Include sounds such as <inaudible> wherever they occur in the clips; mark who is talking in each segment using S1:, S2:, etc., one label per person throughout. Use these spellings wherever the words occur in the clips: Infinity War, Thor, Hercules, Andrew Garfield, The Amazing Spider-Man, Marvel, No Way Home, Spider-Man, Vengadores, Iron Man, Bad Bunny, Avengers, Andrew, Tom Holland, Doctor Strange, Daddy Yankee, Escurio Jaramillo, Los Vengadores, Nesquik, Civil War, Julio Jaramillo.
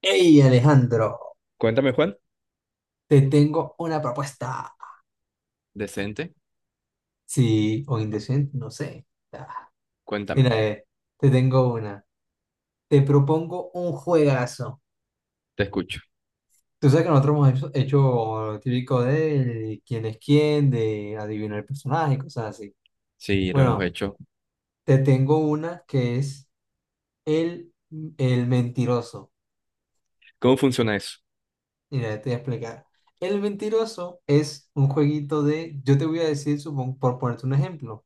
S1: Hey Alejandro,
S2: Cuéntame, Juan.
S1: te tengo una propuesta.
S2: Decente.
S1: Sí, o indecente, no sé. Ah.
S2: Cuéntame.
S1: Mira, te tengo una. Te propongo un juegazo.
S2: Te escucho.
S1: Tú sabes que nosotros hemos hecho lo típico de quién es quién, de adivinar el personaje, cosas así.
S2: Sí, lo hemos
S1: Bueno,
S2: hecho.
S1: te tengo una que es el, el mentiroso.
S2: ¿Cómo funciona eso?
S1: Mira, te voy a explicar. El mentiroso es un jueguito de, yo te voy a decir, supongo, por ponerte un ejemplo.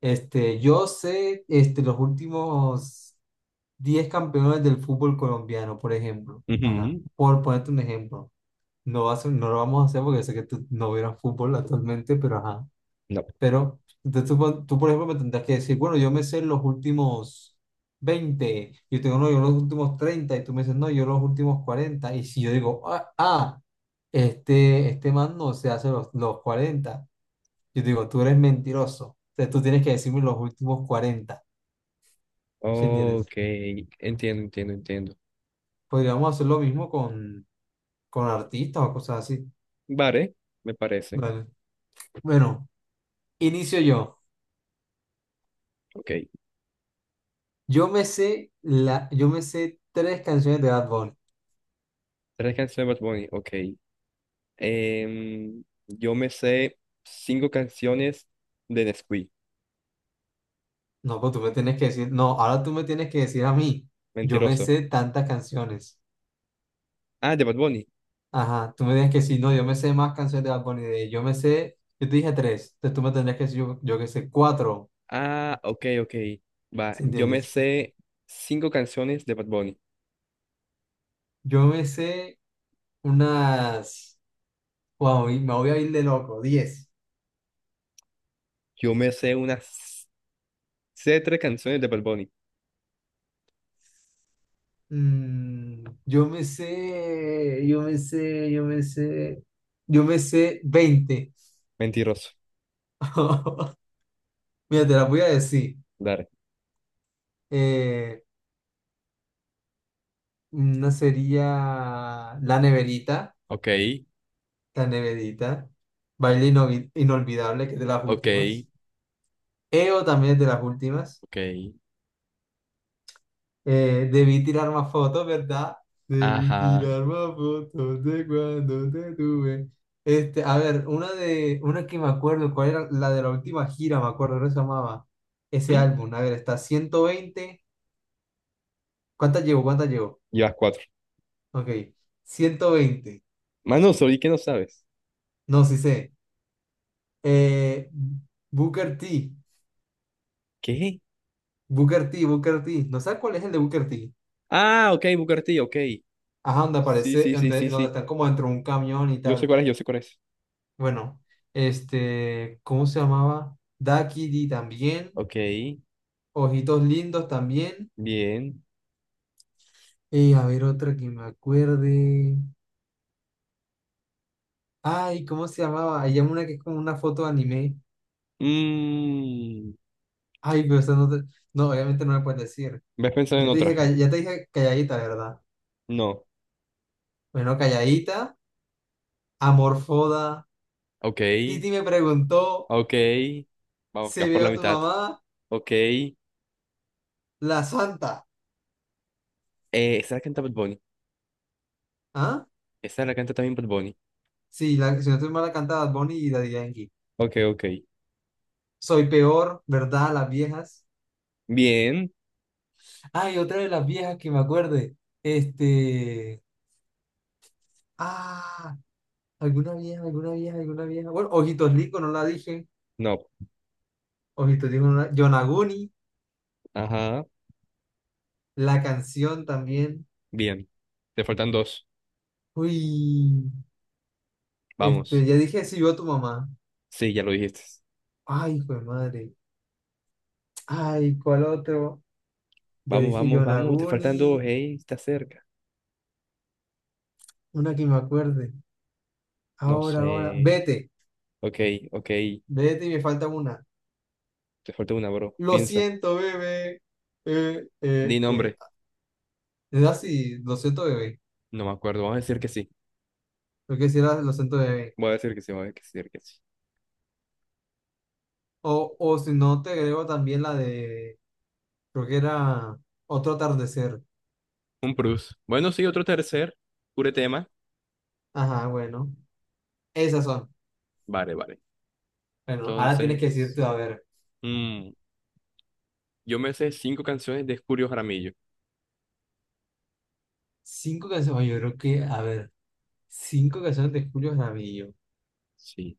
S1: Este, yo sé este, los últimos 10 campeones del fútbol colombiano, por ejemplo. Ajá.
S2: Ujú,
S1: Por ponerte un ejemplo. No lo vamos a hacer porque sé que tú no vieras fútbol actualmente, pero ajá.
S2: No.
S1: Pero entonces tú, por ejemplo, me tendrás que decir, bueno, yo me sé los últimos 20, yo tengo, no, yo los últimos 30 y tú me dices, no, yo los últimos 40. Y si yo digo, este man no se hace los 40, yo digo, tú eres mentiroso. O sea, tú tienes que decirme los últimos 40. ¿Sí entiendes?
S2: Ok. Entiendo, entiendo, entiendo.
S1: Podríamos hacer lo mismo con artistas o cosas así.
S2: Vale, me parece.
S1: Vale. Bueno, inicio yo.
S2: Ok.
S1: Yo me sé tres canciones de Bad Bunny.
S2: Tres canciones de Bad Bunny. Ok. Yo me sé cinco canciones de Nesquik.
S1: No, pues tú me tienes que decir, no, ahora tú me tienes que decir a mí. Yo me
S2: Mentiroso.
S1: sé tantas canciones.
S2: Ah, de Bad Bunny.
S1: Ajá, tú me tienes que decir, no, yo me sé más canciones de Bad Bunny. Yo me sé, yo te dije tres, entonces tú me tendrías que decir, yo que sé, cuatro.
S2: Ah, ok, ok. Va.
S1: ¿Sí
S2: Yo me
S1: entiendes?
S2: sé cinco canciones de Bad Bunny.
S1: Yo me sé unas... Wow, y me voy a ir de loco. 10.
S2: Yo me sé unas... Sé tres canciones de Bad Bunny.
S1: Yo me sé, yo me sé, yo me sé, yo me sé 20.
S2: Mentiroso.
S1: <laughs> Mira, te la voy a decir. Eh, una sería La Neverita,
S2: Ok,
S1: La Neverita, Baile Inolvidable, que es de las
S2: ok,
S1: últimas. EO también es de las últimas.
S2: ok.
S1: Debí tirar más fotos, ¿verdad? Debí
S2: Ajá.
S1: tirar más fotos de cuando te tuve. Este, a ver, una que me acuerdo, ¿cuál era? La de la última gira, me acuerdo, ¿cómo se llamaba? Ese
S2: ¿Mm?
S1: álbum. A ver, está 120. ¿Cuántas llevo?
S2: Llevas cuatro.
S1: Ok. 120.
S2: Mano, ¿sobre qué no sabes?
S1: No, sí sé. Eh, Booker T.
S2: ¿Qué?
S1: Booker T. No sé cuál es el de Booker T.
S2: Ah, ok, Bucarty, ok.
S1: Ajá, donde
S2: Sí,
S1: aparece,
S2: sí, sí,
S1: donde,
S2: sí,
S1: donde
S2: sí.
S1: están como dentro de un camión y
S2: Yo sé
S1: tal.
S2: cuál es, yo sé cuál es.
S1: Bueno, este, ¿cómo se llamaba? Daquiri también,
S2: Ok,
S1: Ojitos Lindos también.
S2: bien.
S1: Y a ver otra que me acuerde. Ay, ¿cómo se llamaba? Hay una que es como una foto de anime.
S2: Mmm.
S1: Ay, pero eso no te- No, obviamente no me puedes decir.
S2: ¿Ves pensando en
S1: Ya te dije,
S2: otra?
S1: call- ya te dije calladita, ¿verdad?
S2: No.
S1: Bueno, calladita, amorfoda.
S2: Ok,
S1: Titi me preguntó,
S2: ok. Vamos,
S1: ¿se
S2: que vas por
S1: vio
S2: la
S1: a tu
S2: mitad.
S1: mamá?
S2: Ok.
S1: La Santa.
S2: Esa la canta Bad Bunny.
S1: ¿Ah?
S2: Esa la canta también Bad Bunny.
S1: Sí, la, si no estoy mal, la canta Bad Bunny y Daddy Yankee.
S2: Ok, ok.
S1: Soy peor, ¿verdad? Las viejas.
S2: Bien.
S1: Ay, otra de las viejas que me acuerde. Este. Ah, alguna vieja, alguna vieja, alguna vieja. Bueno, Ojitos Rico, no la dije.
S2: No.
S1: Ojitos Rico, no la... Yonaguni,
S2: Ajá.
S1: la canción también.
S2: Bien. Te faltan dos.
S1: Uy, este,
S2: Vamos.
S1: ya dije, si yo tu mamá.
S2: Sí, ya lo dijiste.
S1: Ay, hijo de madre. Ay, ¿cuál otro? Ya
S2: Vamos,
S1: dije
S2: vamos, vamos. Te faltan dos.
S1: Yonaguni,
S2: Hey, está cerca.
S1: una que me acuerde.
S2: No
S1: Ahora, ahora.
S2: sé.
S1: Vete,
S2: Ok, ok.
S1: vete y me falta una.
S2: Te falta una, bro.
S1: Lo
S2: Piensa.
S1: siento, bebé. Eh, eh,
S2: Di
S1: eh.
S2: nombre.
S1: Es así, lo siento, bebé.
S2: No me acuerdo. Vamos a decir que sí.
S1: Creo que sí era el acento de... ahí.
S2: Voy a decir que sí, voy a decir que sí.
S1: O si no, te agrego también la de... Creo que era otro atardecer.
S2: Un Prus. Bueno, sí, otro tercer. Pure tema.
S1: Ajá, bueno. Esas son.
S2: Vale, vale.
S1: Bueno, ahora tienes que
S2: Entonces,
S1: decirte, a ver,
S2: mm, yo me sé cinco canciones de Escurio Jaramillo.
S1: cinco canciones. Oye, yo creo que, a ver, cinco canciones de Julio Jaramillo.
S2: Sí.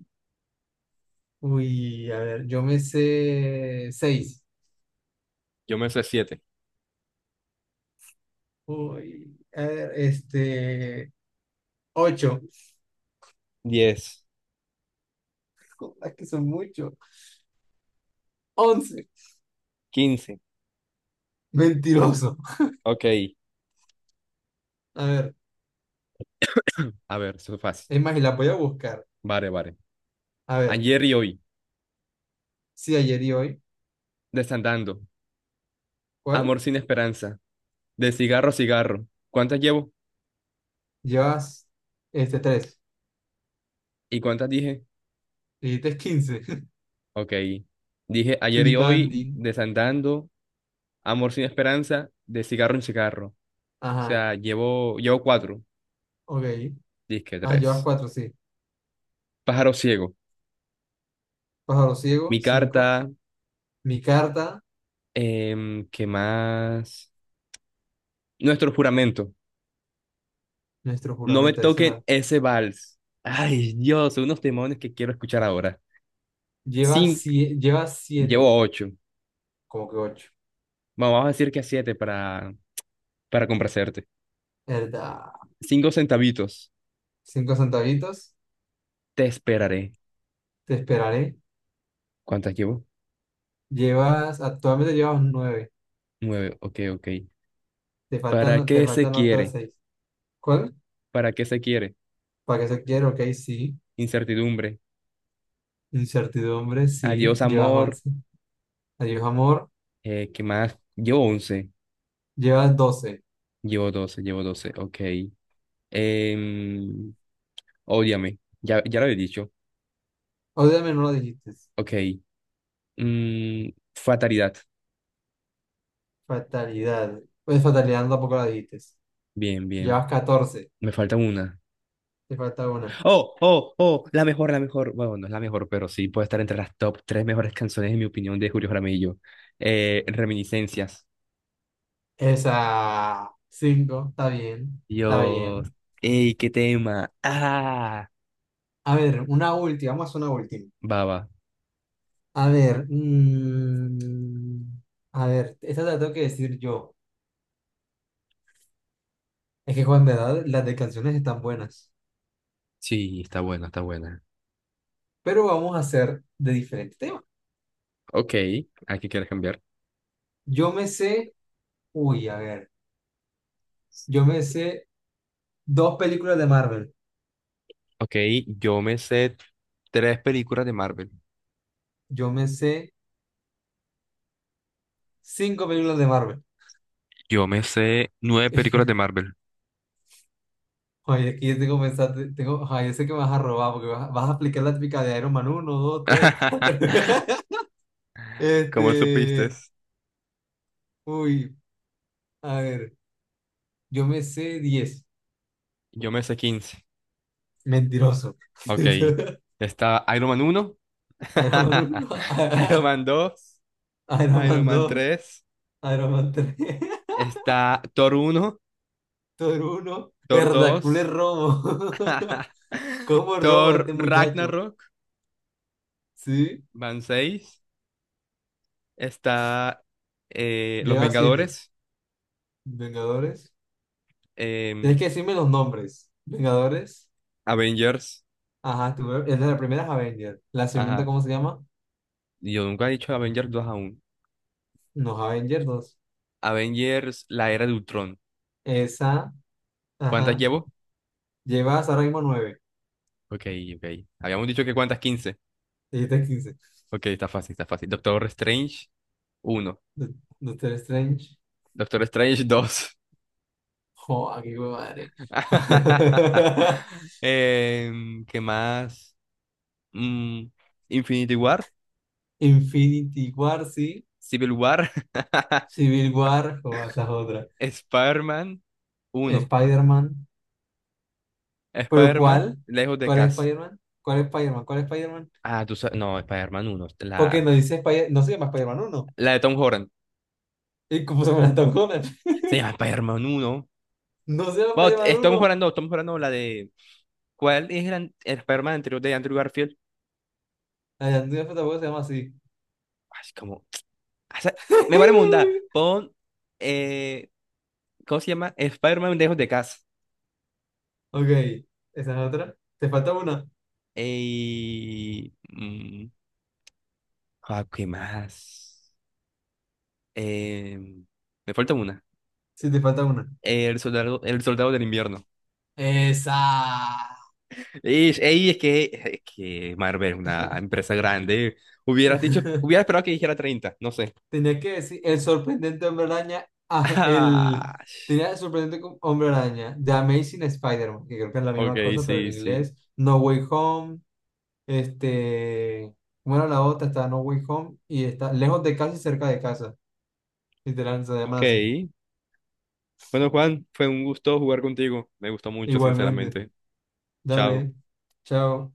S1: Uy, a ver, yo me sé seis.
S2: Yo me sé siete.
S1: Uy, a ver, este... Ocho. <laughs>
S2: 10.
S1: Es que son muchos. 11.
S2: 15.
S1: Mentiroso.
S2: Ok.
S1: A ver,
S2: A ver, eso es fácil.
S1: es más, y la voy a buscar.
S2: Vale, vale.
S1: A ver,
S2: Ayer y hoy.
S1: sí, ayer y hoy.
S2: Desandando.
S1: ¿Cuál?
S2: Amor sin esperanza. De cigarro a cigarro. ¿Cuántas llevo?
S1: Llevas este tres.
S2: ¿Y cuántas dije?
S1: Dijiste 15. <laughs>
S2: Ok. Dije ayer y hoy,
S1: Flipandín.
S2: desandando, amor sin esperanza, de cigarro en cigarro. O
S1: Ajá,
S2: sea, llevo cuatro,
S1: ok.
S2: disque
S1: Ah, llevas
S2: tres.
S1: 4 sí.
S2: Pájaro ciego,
S1: Pájaro ciego,
S2: mi
S1: cinco.
S2: carta,
S1: Mi carta,
S2: ¿qué más? Nuestro juramento.
S1: nuestro
S2: No me
S1: juramento, esa
S2: toquen
S1: la.
S2: ese vals. Ay, Dios, son unos demonios que quiero escuchar ahora.
S1: Llevas
S2: Cinco,
S1: 7, llevas
S2: llevo
S1: siete,
S2: ocho.
S1: como que ocho.
S2: Bueno, vamos a decir que a siete para complacerte.
S1: ¿Verdad?
S2: Cinco centavitos.
S1: Cinco centavitos,
S2: Te esperaré.
S1: te esperaré.
S2: ¿Cuántas llevo?
S1: Actualmente llevas nueve.
S2: Nueve, ok, ok.
S1: Te
S2: ¿Para
S1: faltan, te
S2: qué se
S1: faltan otras
S2: quiere?
S1: seis. ¿Cuál?
S2: ¿Para qué se quiere?
S1: ¿Para qué se quiere? Ok, sí.
S2: Incertidumbre.
S1: Incertidumbre, sí.
S2: Adiós,
S1: Llevas
S2: amor.
S1: 11. Adiós, amor.
S2: ¿Qué más? Llevo 11.
S1: Llevas 12.
S2: Llevo 12. Llevo 12. Ok. Em, ódiame. Ya, ya lo había dicho.
S1: Obviamente no lo dijiste.
S2: Ok. Mm, fatalidad.
S1: Fatalidad. Pues fatalidad no, tampoco la dijiste.
S2: Bien, bien.
S1: Llevas 14.
S2: Me falta una.
S1: Te falta una.
S2: Oh, oh, oh. La mejor, la mejor. Bueno, no es la mejor, pero sí puede estar entre las top tres mejores canciones, en mi opinión, de Julio Jaramillo. Reminiscencias.
S1: Esa. Cinco. Está bien. Está
S2: Dios.
S1: bien.
S2: ¡Ey, qué tema! ¡Ah!
S1: A ver, una última. Vamos a hacer una última.
S2: Baba.
S1: A ver. A ver, esta te la tengo que decir yo. Es que, Juan, de verdad, las de canciones están buenas.
S2: Sí, está buena, está buena.
S1: Pero vamos a hacer de diferente tema.
S2: Ok, ¿a qué quieres cambiar?
S1: Yo me sé. Uy, a ver. Yo me sé dos películas de Marvel.
S2: Ok, yo me sé tres películas de Marvel.
S1: Yo me sé cinco películas de Marvel. <laughs>
S2: Yo me sé nueve películas de Marvel.
S1: Oye, aquí ya tengo pensado, tengo, ay, yo sé que me vas a robar porque vas a aplicar la típica de Iron Man 1, 2, 3, 4. <laughs>
S2: <laughs> ¿Cómo supiste?
S1: Este, uy, a ver, yo me sé 10.
S2: Yo me sé 15.
S1: Mentiroso. <laughs>
S2: Ok, está Iron Man uno.
S1: Iron Man 1,
S2: <laughs> Iron
S1: <laughs>
S2: Man dos.
S1: Iron
S2: Iron
S1: Man
S2: Man
S1: 2,
S2: tres.
S1: Iron Man 3, <laughs>
S2: Está Thor uno.
S1: Thor 1,
S2: Thor
S1: Hercules
S2: dos.
S1: robo.
S2: <laughs>
S1: <laughs> ¿Cómo roba
S2: Thor
S1: este muchacho?
S2: Ragnarok,
S1: Sí,
S2: van 6. Está Los
S1: lleva 7.
S2: Vengadores,
S1: Vengadores. Tienes
S2: em,
S1: que decirme los nombres. Vengadores.
S2: Avengers,
S1: Ajá, es de la primera es Avengers. La segunda,
S2: ajá.
S1: ¿cómo se llama?
S2: Yo nunca he dicho Avengers dos aún.
S1: No, Avengers dos.
S2: Avengers, la era de Ultron.
S1: Esa,
S2: ¿Cuántas
S1: ajá.
S2: llevo?
S1: Llevas ahora mismo nueve.
S2: Ok, ok. Habíamos dicho que cuántas, 15.
S1: Dijiste 15.
S2: Ok, está fácil, está fácil. Doctor Strange, uno,
S1: Do- Doctor Strange.
S2: Doctor Strange, 2.
S1: Joder, qué madre.
S2: <laughs>
S1: <laughs>
S2: ¿Qué más? Mm, Infinity War,
S1: Infinity War, sí.
S2: Civil War, <laughs>
S1: Civil War, joder, esa es otra.
S2: Spider-Man, 1.
S1: Spider-Man. ¿Pero
S2: Spider-Man,
S1: cuál?
S2: lejos de
S1: ¿Cuál es
S2: casa.
S1: Spider-Man? ¿Cuál es Spider-Man? ¿Cuál es Spider-Man?
S2: Ah, tú sabes. No, Spider-Man 1. La,
S1: Porque no dice no se llama Spider-Man 1.
S2: la de Tom Holland.
S1: ¿Y cómo se llama Tom Holland? <laughs>
S2: Se llama Spider-Man 1.
S1: No se llama
S2: Bueno,
S1: Spider-Man 1.
S2: estamos jugando la de. ¿Cuál es el Spider-Man anterior de Andrew Garfield?
S1: La de Andrew tampoco se llama así.
S2: Así como. O sea, me vale mundar.
S1: <laughs>
S2: Pon. eh, ¿Cómo se llama? Spider-Man lejos de casa.
S1: Ok, esa es otra. ¿Te falta una?
S2: Y. Ah, ¿qué más? Eh, Me falta una.
S1: Sí, te falta una.
S2: El soldado del invierno.
S1: Esa.
S2: Y, ey, es que Marvel es una empresa grande. Hubiera
S1: <laughs>
S2: esperado que dijera 30 no sé. <laughs>
S1: Tenías que decir el sorprendente hombre araña. El...
S2: Ah,
S1: Tenía el sorprendente hombre araña. The Amazing Spider-Man, que creo que es la misma
S2: ok,
S1: cosa, pero en
S2: sí, sí.
S1: inglés. No Way Home. Este. Bueno, la otra está No Way Home y está lejos de casa y cerca de casa. Literal, se llama
S2: Ok.
S1: así.
S2: Bueno, Juan, fue un gusto jugar contigo. Me gustó mucho,
S1: Igualmente.
S2: sinceramente. Chao.
S1: Dale. Chao.